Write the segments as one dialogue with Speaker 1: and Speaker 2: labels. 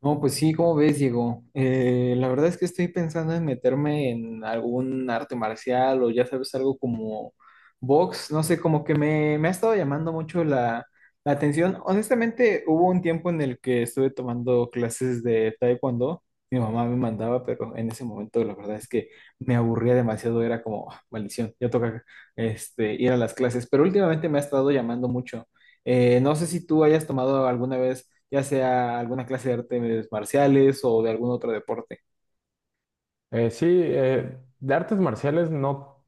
Speaker 1: No, pues sí, como ves, Diego? La verdad es que estoy pensando en meterme en algún arte marcial o, ya sabes, algo como box. No sé, como que me ha estado llamando mucho la atención. Honestamente, hubo un tiempo en el que estuve tomando clases de taekwondo, mi mamá me mandaba, pero en ese momento la verdad es que me aburría demasiado. Era como, "Ah, maldición, ya toca ir a las clases", pero últimamente me ha estado llamando mucho. No sé si tú hayas tomado alguna vez, ya sea alguna clase de artes marciales o de algún otro deporte.
Speaker 2: Sí, de artes marciales no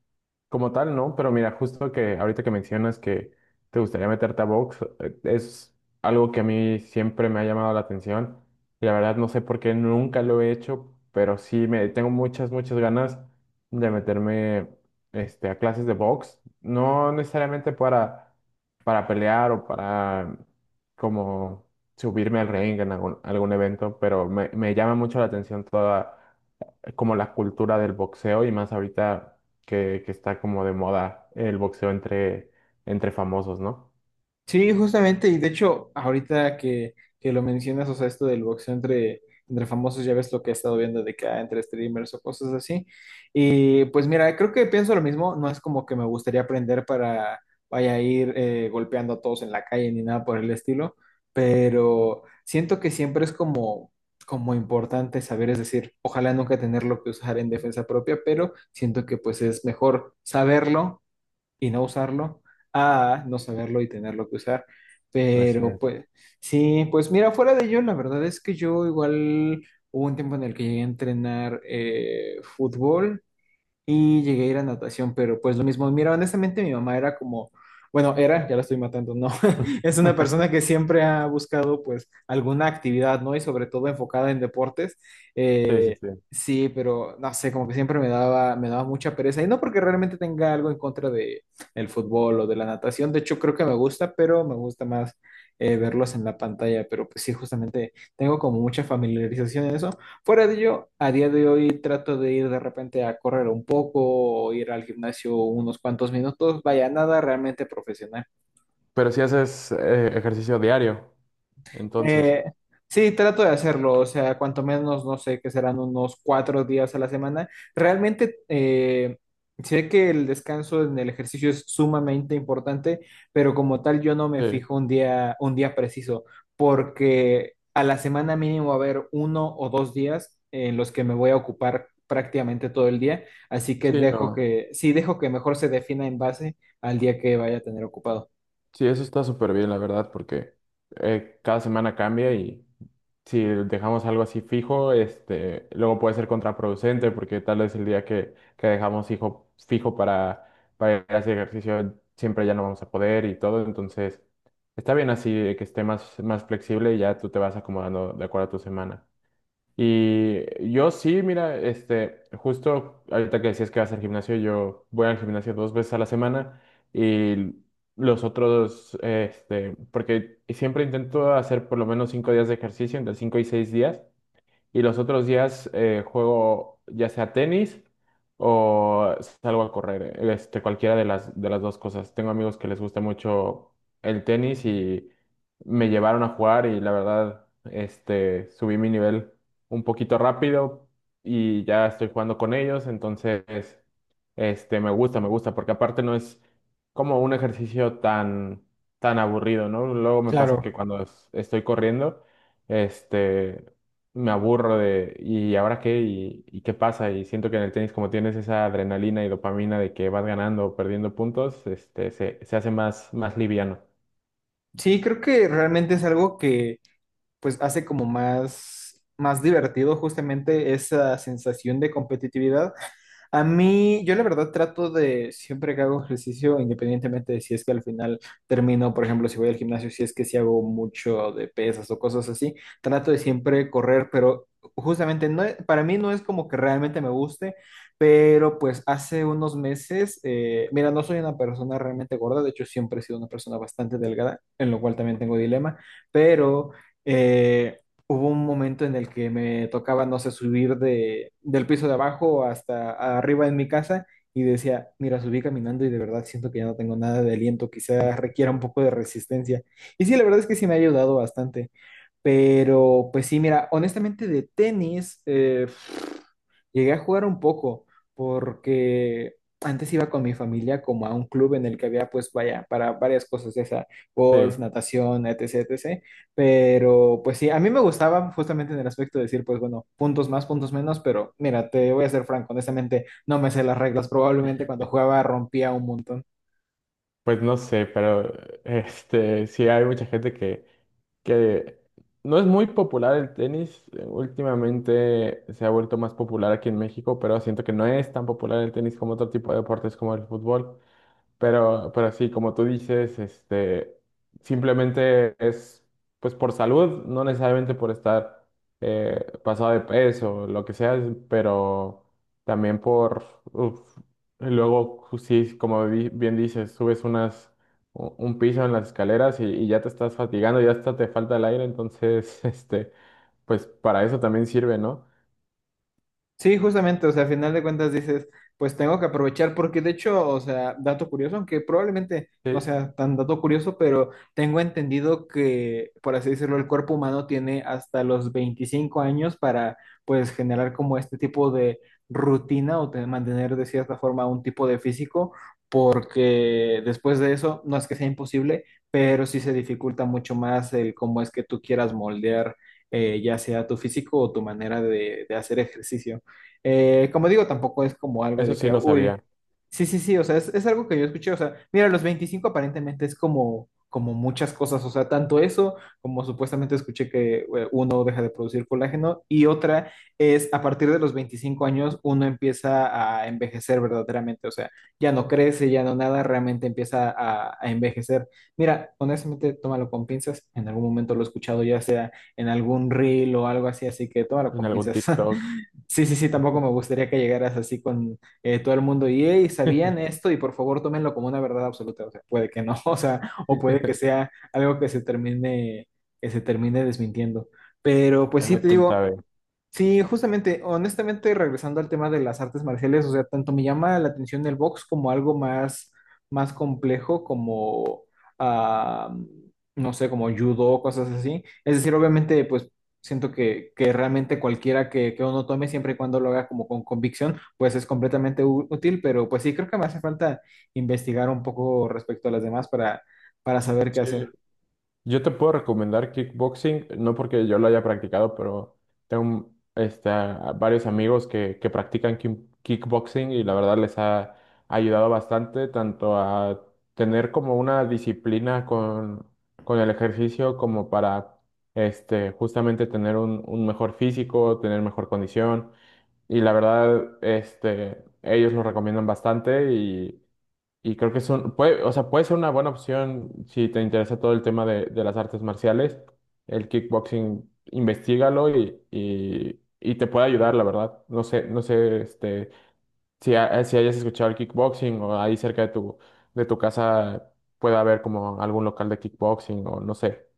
Speaker 2: como tal, no, pero mira, justo que ahorita que mencionas que te gustaría meterte a box, es algo que a mí siempre me ha llamado la atención. Y la verdad no sé por qué nunca lo he hecho, pero sí me tengo muchas, muchas ganas de meterme a clases de box. No necesariamente para, pelear o para como subirme al ring en algún evento, pero me llama mucho la atención toda como la cultura del boxeo y más ahorita que está como de moda el boxeo entre famosos, ¿no?
Speaker 1: Sí, justamente, y de hecho, ahorita que lo mencionas, o sea, esto del boxeo entre famosos, ya ves lo que he estado viendo de que ah, entre streamers o cosas así. Y pues mira, creo que pienso lo mismo. No es como que me gustaría aprender para vaya a ir golpeando a todos en la calle ni nada por el estilo, pero siento que siempre es como importante saber. Es decir, ojalá nunca tenerlo que usar en defensa propia, pero siento que pues es mejor saberlo y no usarlo, a no saberlo y tenerlo que usar.
Speaker 2: Así
Speaker 1: Pero
Speaker 2: es.
Speaker 1: pues sí, pues mira, fuera de ello, la verdad es que yo igual hubo un tiempo en el que llegué a entrenar fútbol y llegué a ir a natación, pero pues lo mismo. Mira, honestamente mi mamá era como, bueno, era, ya la estoy matando, no, es una persona que siempre ha buscado pues alguna actividad, ¿no? Y sobre todo enfocada en deportes.
Speaker 2: Sí, sí,
Speaker 1: Eh,
Speaker 2: sí.
Speaker 1: sí, pero no sé, como que siempre me daba mucha pereza, y no porque realmente tenga algo en contra de el fútbol o de la natación. De hecho creo que me gusta, pero me gusta más verlos en la pantalla, pero pues sí, justamente tengo como mucha familiarización en eso. Fuera de ello, a día de hoy trato de ir de repente a correr un poco o ir al gimnasio unos cuantos minutos. Vaya, nada realmente profesional.
Speaker 2: Pero si haces ejercicio diario, entonces.
Speaker 1: Eh, sí, trato de hacerlo, o sea, cuanto menos, no sé, que serán unos 4 días a la semana. Realmente sé que el descanso en el ejercicio es sumamente importante, pero como tal yo no me
Speaker 2: Sí,
Speaker 1: fijo un día preciso, porque a la semana mínimo va a haber uno o dos días en los que me voy a ocupar prácticamente todo el día, así que
Speaker 2: sí,
Speaker 1: dejo
Speaker 2: no.
Speaker 1: sí, dejo que mejor se defina en base al día que vaya a tener ocupado.
Speaker 2: Sí, eso está súper bien, la verdad, porque cada semana cambia y, si dejamos algo así fijo, luego puede ser contraproducente porque tal vez el día que dejamos fijo para, ir a hacer ejercicio siempre ya no vamos a poder y todo. Entonces, está bien así de que esté más, más flexible y ya tú te vas acomodando de acuerdo a tu semana. Y yo sí, mira, justo ahorita que decías que vas al gimnasio, yo voy al gimnasio 2 veces a la semana y los otros, porque siempre intento hacer por lo menos 5 días de ejercicio, entre 5 y 6 días, y los otros días juego ya sea tenis o salgo a correr, cualquiera de las, dos cosas. Tengo amigos que les gusta mucho el tenis y me llevaron a jugar y la verdad, subí mi nivel un poquito rápido y ya estoy jugando con ellos, entonces, me gusta, porque aparte no es como un ejercicio tan, tan aburrido, ¿no? Luego me pasa
Speaker 1: Claro.
Speaker 2: que cuando estoy corriendo, este, me aburro de, ¿y ahora qué? ¿Y qué pasa? Y siento que en el tenis, como tienes esa adrenalina y dopamina de que vas ganando o perdiendo puntos, se hace más, más liviano.
Speaker 1: Sí, creo que realmente es algo que pues hace como más divertido justamente esa sensación de competitividad. A mí, yo la verdad trato de, siempre que hago ejercicio, independientemente de si es que al final termino. Por ejemplo, si voy al gimnasio, si es que si hago mucho de pesas o cosas así, trato de siempre correr, pero justamente no, para mí no es como que realmente me guste, pero pues hace unos meses, mira, no soy una persona realmente gorda, de hecho siempre he sido una persona bastante delgada, en lo cual también tengo dilema, pero eh, hubo un momento en el que me tocaba, no sé, subir del piso de abajo hasta arriba en mi casa y decía, mira, subí caminando y de verdad siento que ya no tengo nada de aliento, quizás requiera un poco de resistencia. Y sí, la verdad es que sí me ha ayudado bastante. Pero pues sí, mira, honestamente de tenis llegué a jugar un poco porque antes iba con mi familia como a un club en el que había, pues vaya, para varias cosas de esa,
Speaker 2: Sí,
Speaker 1: golf, natación, etc, etc. Pero pues sí, a mí me gustaba justamente en el aspecto de decir, pues bueno, puntos más, puntos menos, pero mira, te voy a ser franco, honestamente no me sé las reglas, probablemente cuando jugaba rompía un montón.
Speaker 2: pues no sé, pero sí hay mucha gente que no es muy popular el tenis. Últimamente se ha vuelto más popular aquí en México, pero siento que no es tan popular el tenis como otro tipo de deportes como el fútbol. Pero sí, como tú dices, simplemente es pues por salud, no necesariamente por estar pasado de peso, lo que sea, pero también por, uf, y luego sí, como bien dices, subes un piso en las escaleras y ya te estás fatigando, ya hasta te falta el aire, entonces, pues para eso también sirve, ¿no?
Speaker 1: Sí, justamente, o sea, al final de cuentas dices, pues tengo que aprovechar, porque de hecho, o sea, dato curioso, aunque probablemente
Speaker 2: Sí,
Speaker 1: no sea tan dato curioso, pero tengo entendido que, por así decirlo, el cuerpo humano tiene hasta los 25 años para, pues, generar como este tipo de rutina o mantener de cierta forma un tipo de físico, porque después de eso, no es que sea imposible, pero sí se dificulta mucho más el cómo es que tú quieras moldear, ya sea tu físico o tu manera de hacer ejercicio. Como digo, tampoco es como algo
Speaker 2: eso
Speaker 1: de
Speaker 2: sí
Speaker 1: que,
Speaker 2: no
Speaker 1: uy,
Speaker 2: sabía
Speaker 1: sí, sí, sí, o sea, es algo que yo escuché. O sea, mira, los 25 aparentemente es como, como muchas cosas, o sea, tanto eso como supuestamente escuché que uno deja de producir colágeno, y otra es a partir de los 25 años uno empieza a envejecer verdaderamente. O sea, ya no crece, ya no nada, realmente empieza a envejecer. Mira, honestamente, tómalo con pinzas, en algún momento lo he escuchado ya sea en algún reel o algo así, así que tómalo
Speaker 2: en
Speaker 1: con
Speaker 2: algún
Speaker 1: pinzas.
Speaker 2: TikTok.
Speaker 1: Sí, sí, sí, tampoco me gustaría que llegaras así con todo el mundo y, hey, ¿sabían esto? Y por favor, tómenlo como una verdad absoluta. O sea, puede que no, o sea, o puede que sea algo que se que se termine desmintiendo. Pero pues sí,
Speaker 2: Ah,
Speaker 1: te
Speaker 2: quién
Speaker 1: digo,
Speaker 2: sabe.
Speaker 1: sí, justamente, honestamente, regresando al tema de las artes marciales, o sea, tanto me llama la atención el box como algo más complejo, como, ah, no sé, como judo, cosas así. Es decir, obviamente, pues siento que realmente cualquiera que uno tome, siempre y cuando lo haga como con convicción, pues es completamente útil, pero pues sí, creo que me hace falta investigar un poco respecto a las demás para saber qué
Speaker 2: Sí,
Speaker 1: hacer.
Speaker 2: yo te puedo recomendar kickboxing, no porque yo lo haya practicado, pero tengo a varios amigos que practican kickboxing y la verdad les ha ayudado bastante tanto a tener como una disciplina con el ejercicio como para justamente tener un mejor físico, tener mejor condición y la verdad ellos lo recomiendan bastante y creo que es puede, o sea, puede ser una buena opción si te interesa todo el tema de las artes marciales. El kickboxing, investígalo y te puede ayudar, la verdad. Si hayas escuchado el kickboxing o ahí cerca de tu, casa pueda haber como algún local de kickboxing o no sé.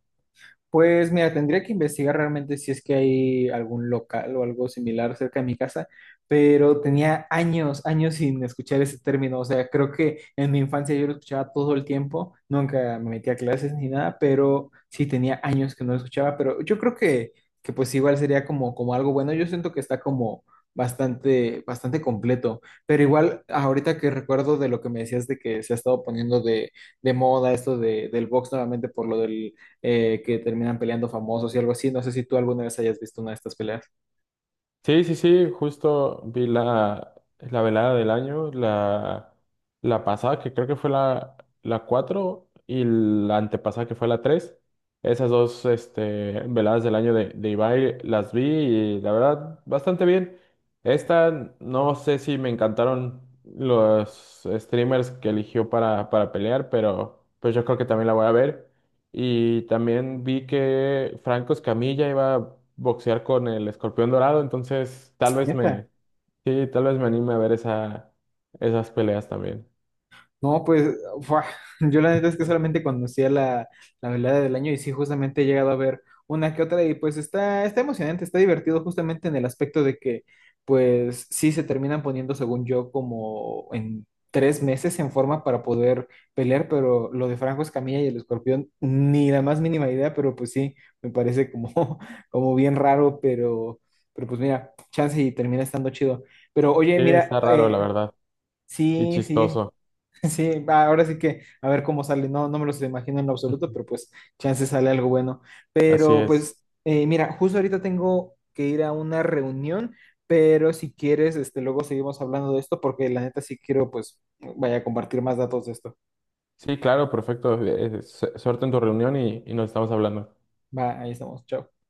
Speaker 1: Pues mira, tendría que investigar realmente si es que hay algún local o algo similar cerca de mi casa, pero tenía años, años sin escuchar ese término. O sea, creo que en mi infancia yo lo escuchaba todo el tiempo, nunca me metía a clases ni nada, pero sí tenía años que no lo escuchaba, pero yo creo que pues igual sería como, como algo bueno. Yo siento que está como bastante, bastante completo, pero igual ahorita que recuerdo de lo que me decías de que se ha estado poniendo de moda esto de, del box nuevamente por lo del que terminan peleando famosos y algo así. No sé si tú alguna vez hayas visto una de estas peleas.
Speaker 2: Sí, sí, sí, justo vi la, velada del año, la, pasada que creo que fue la, 4 y la antepasada que fue la tres. Esas dos veladas del año de Ibai las vi y la verdad bastante bien. Esta no sé si me encantaron los streamers que eligió para, pelear, pero pues yo creo que también la voy a ver. Y también vi que Franco Escamilla iba a boxear con el Escorpión Dorado, entonces
Speaker 1: ¿Neta?
Speaker 2: sí, tal vez me anime a ver esas peleas también.
Speaker 1: No, pues, fua, yo la neta es que solamente conocía la velada del año, y sí, justamente he llegado a ver una que otra y pues está, está emocionante, está divertido justamente en el aspecto de que pues sí se terminan poniendo, según yo, como en 3 meses en forma para poder pelear, pero lo de Franco Escamilla y el Escorpión, ni la más mínima idea, pero pues sí, me parece como, como bien raro, pero pues mira, chance y termina estando chido. Pero oye,
Speaker 2: Sí,
Speaker 1: mira,
Speaker 2: está raro, la verdad, y
Speaker 1: sí, sí.
Speaker 2: chistoso.
Speaker 1: Sí, va, ahora sí que a ver cómo sale. No, no me los imagino en lo absoluto, pero pues chance sale algo bueno.
Speaker 2: Así
Speaker 1: Pero
Speaker 2: es.
Speaker 1: pues, mira, justo ahorita tengo que ir a una reunión, pero si quieres, este, luego seguimos hablando de esto porque la neta sí quiero, pues, vaya a compartir más datos de esto.
Speaker 2: Sí, claro, perfecto. Suerte en tu reunión y nos estamos hablando.
Speaker 1: Va, ahí estamos. Chao.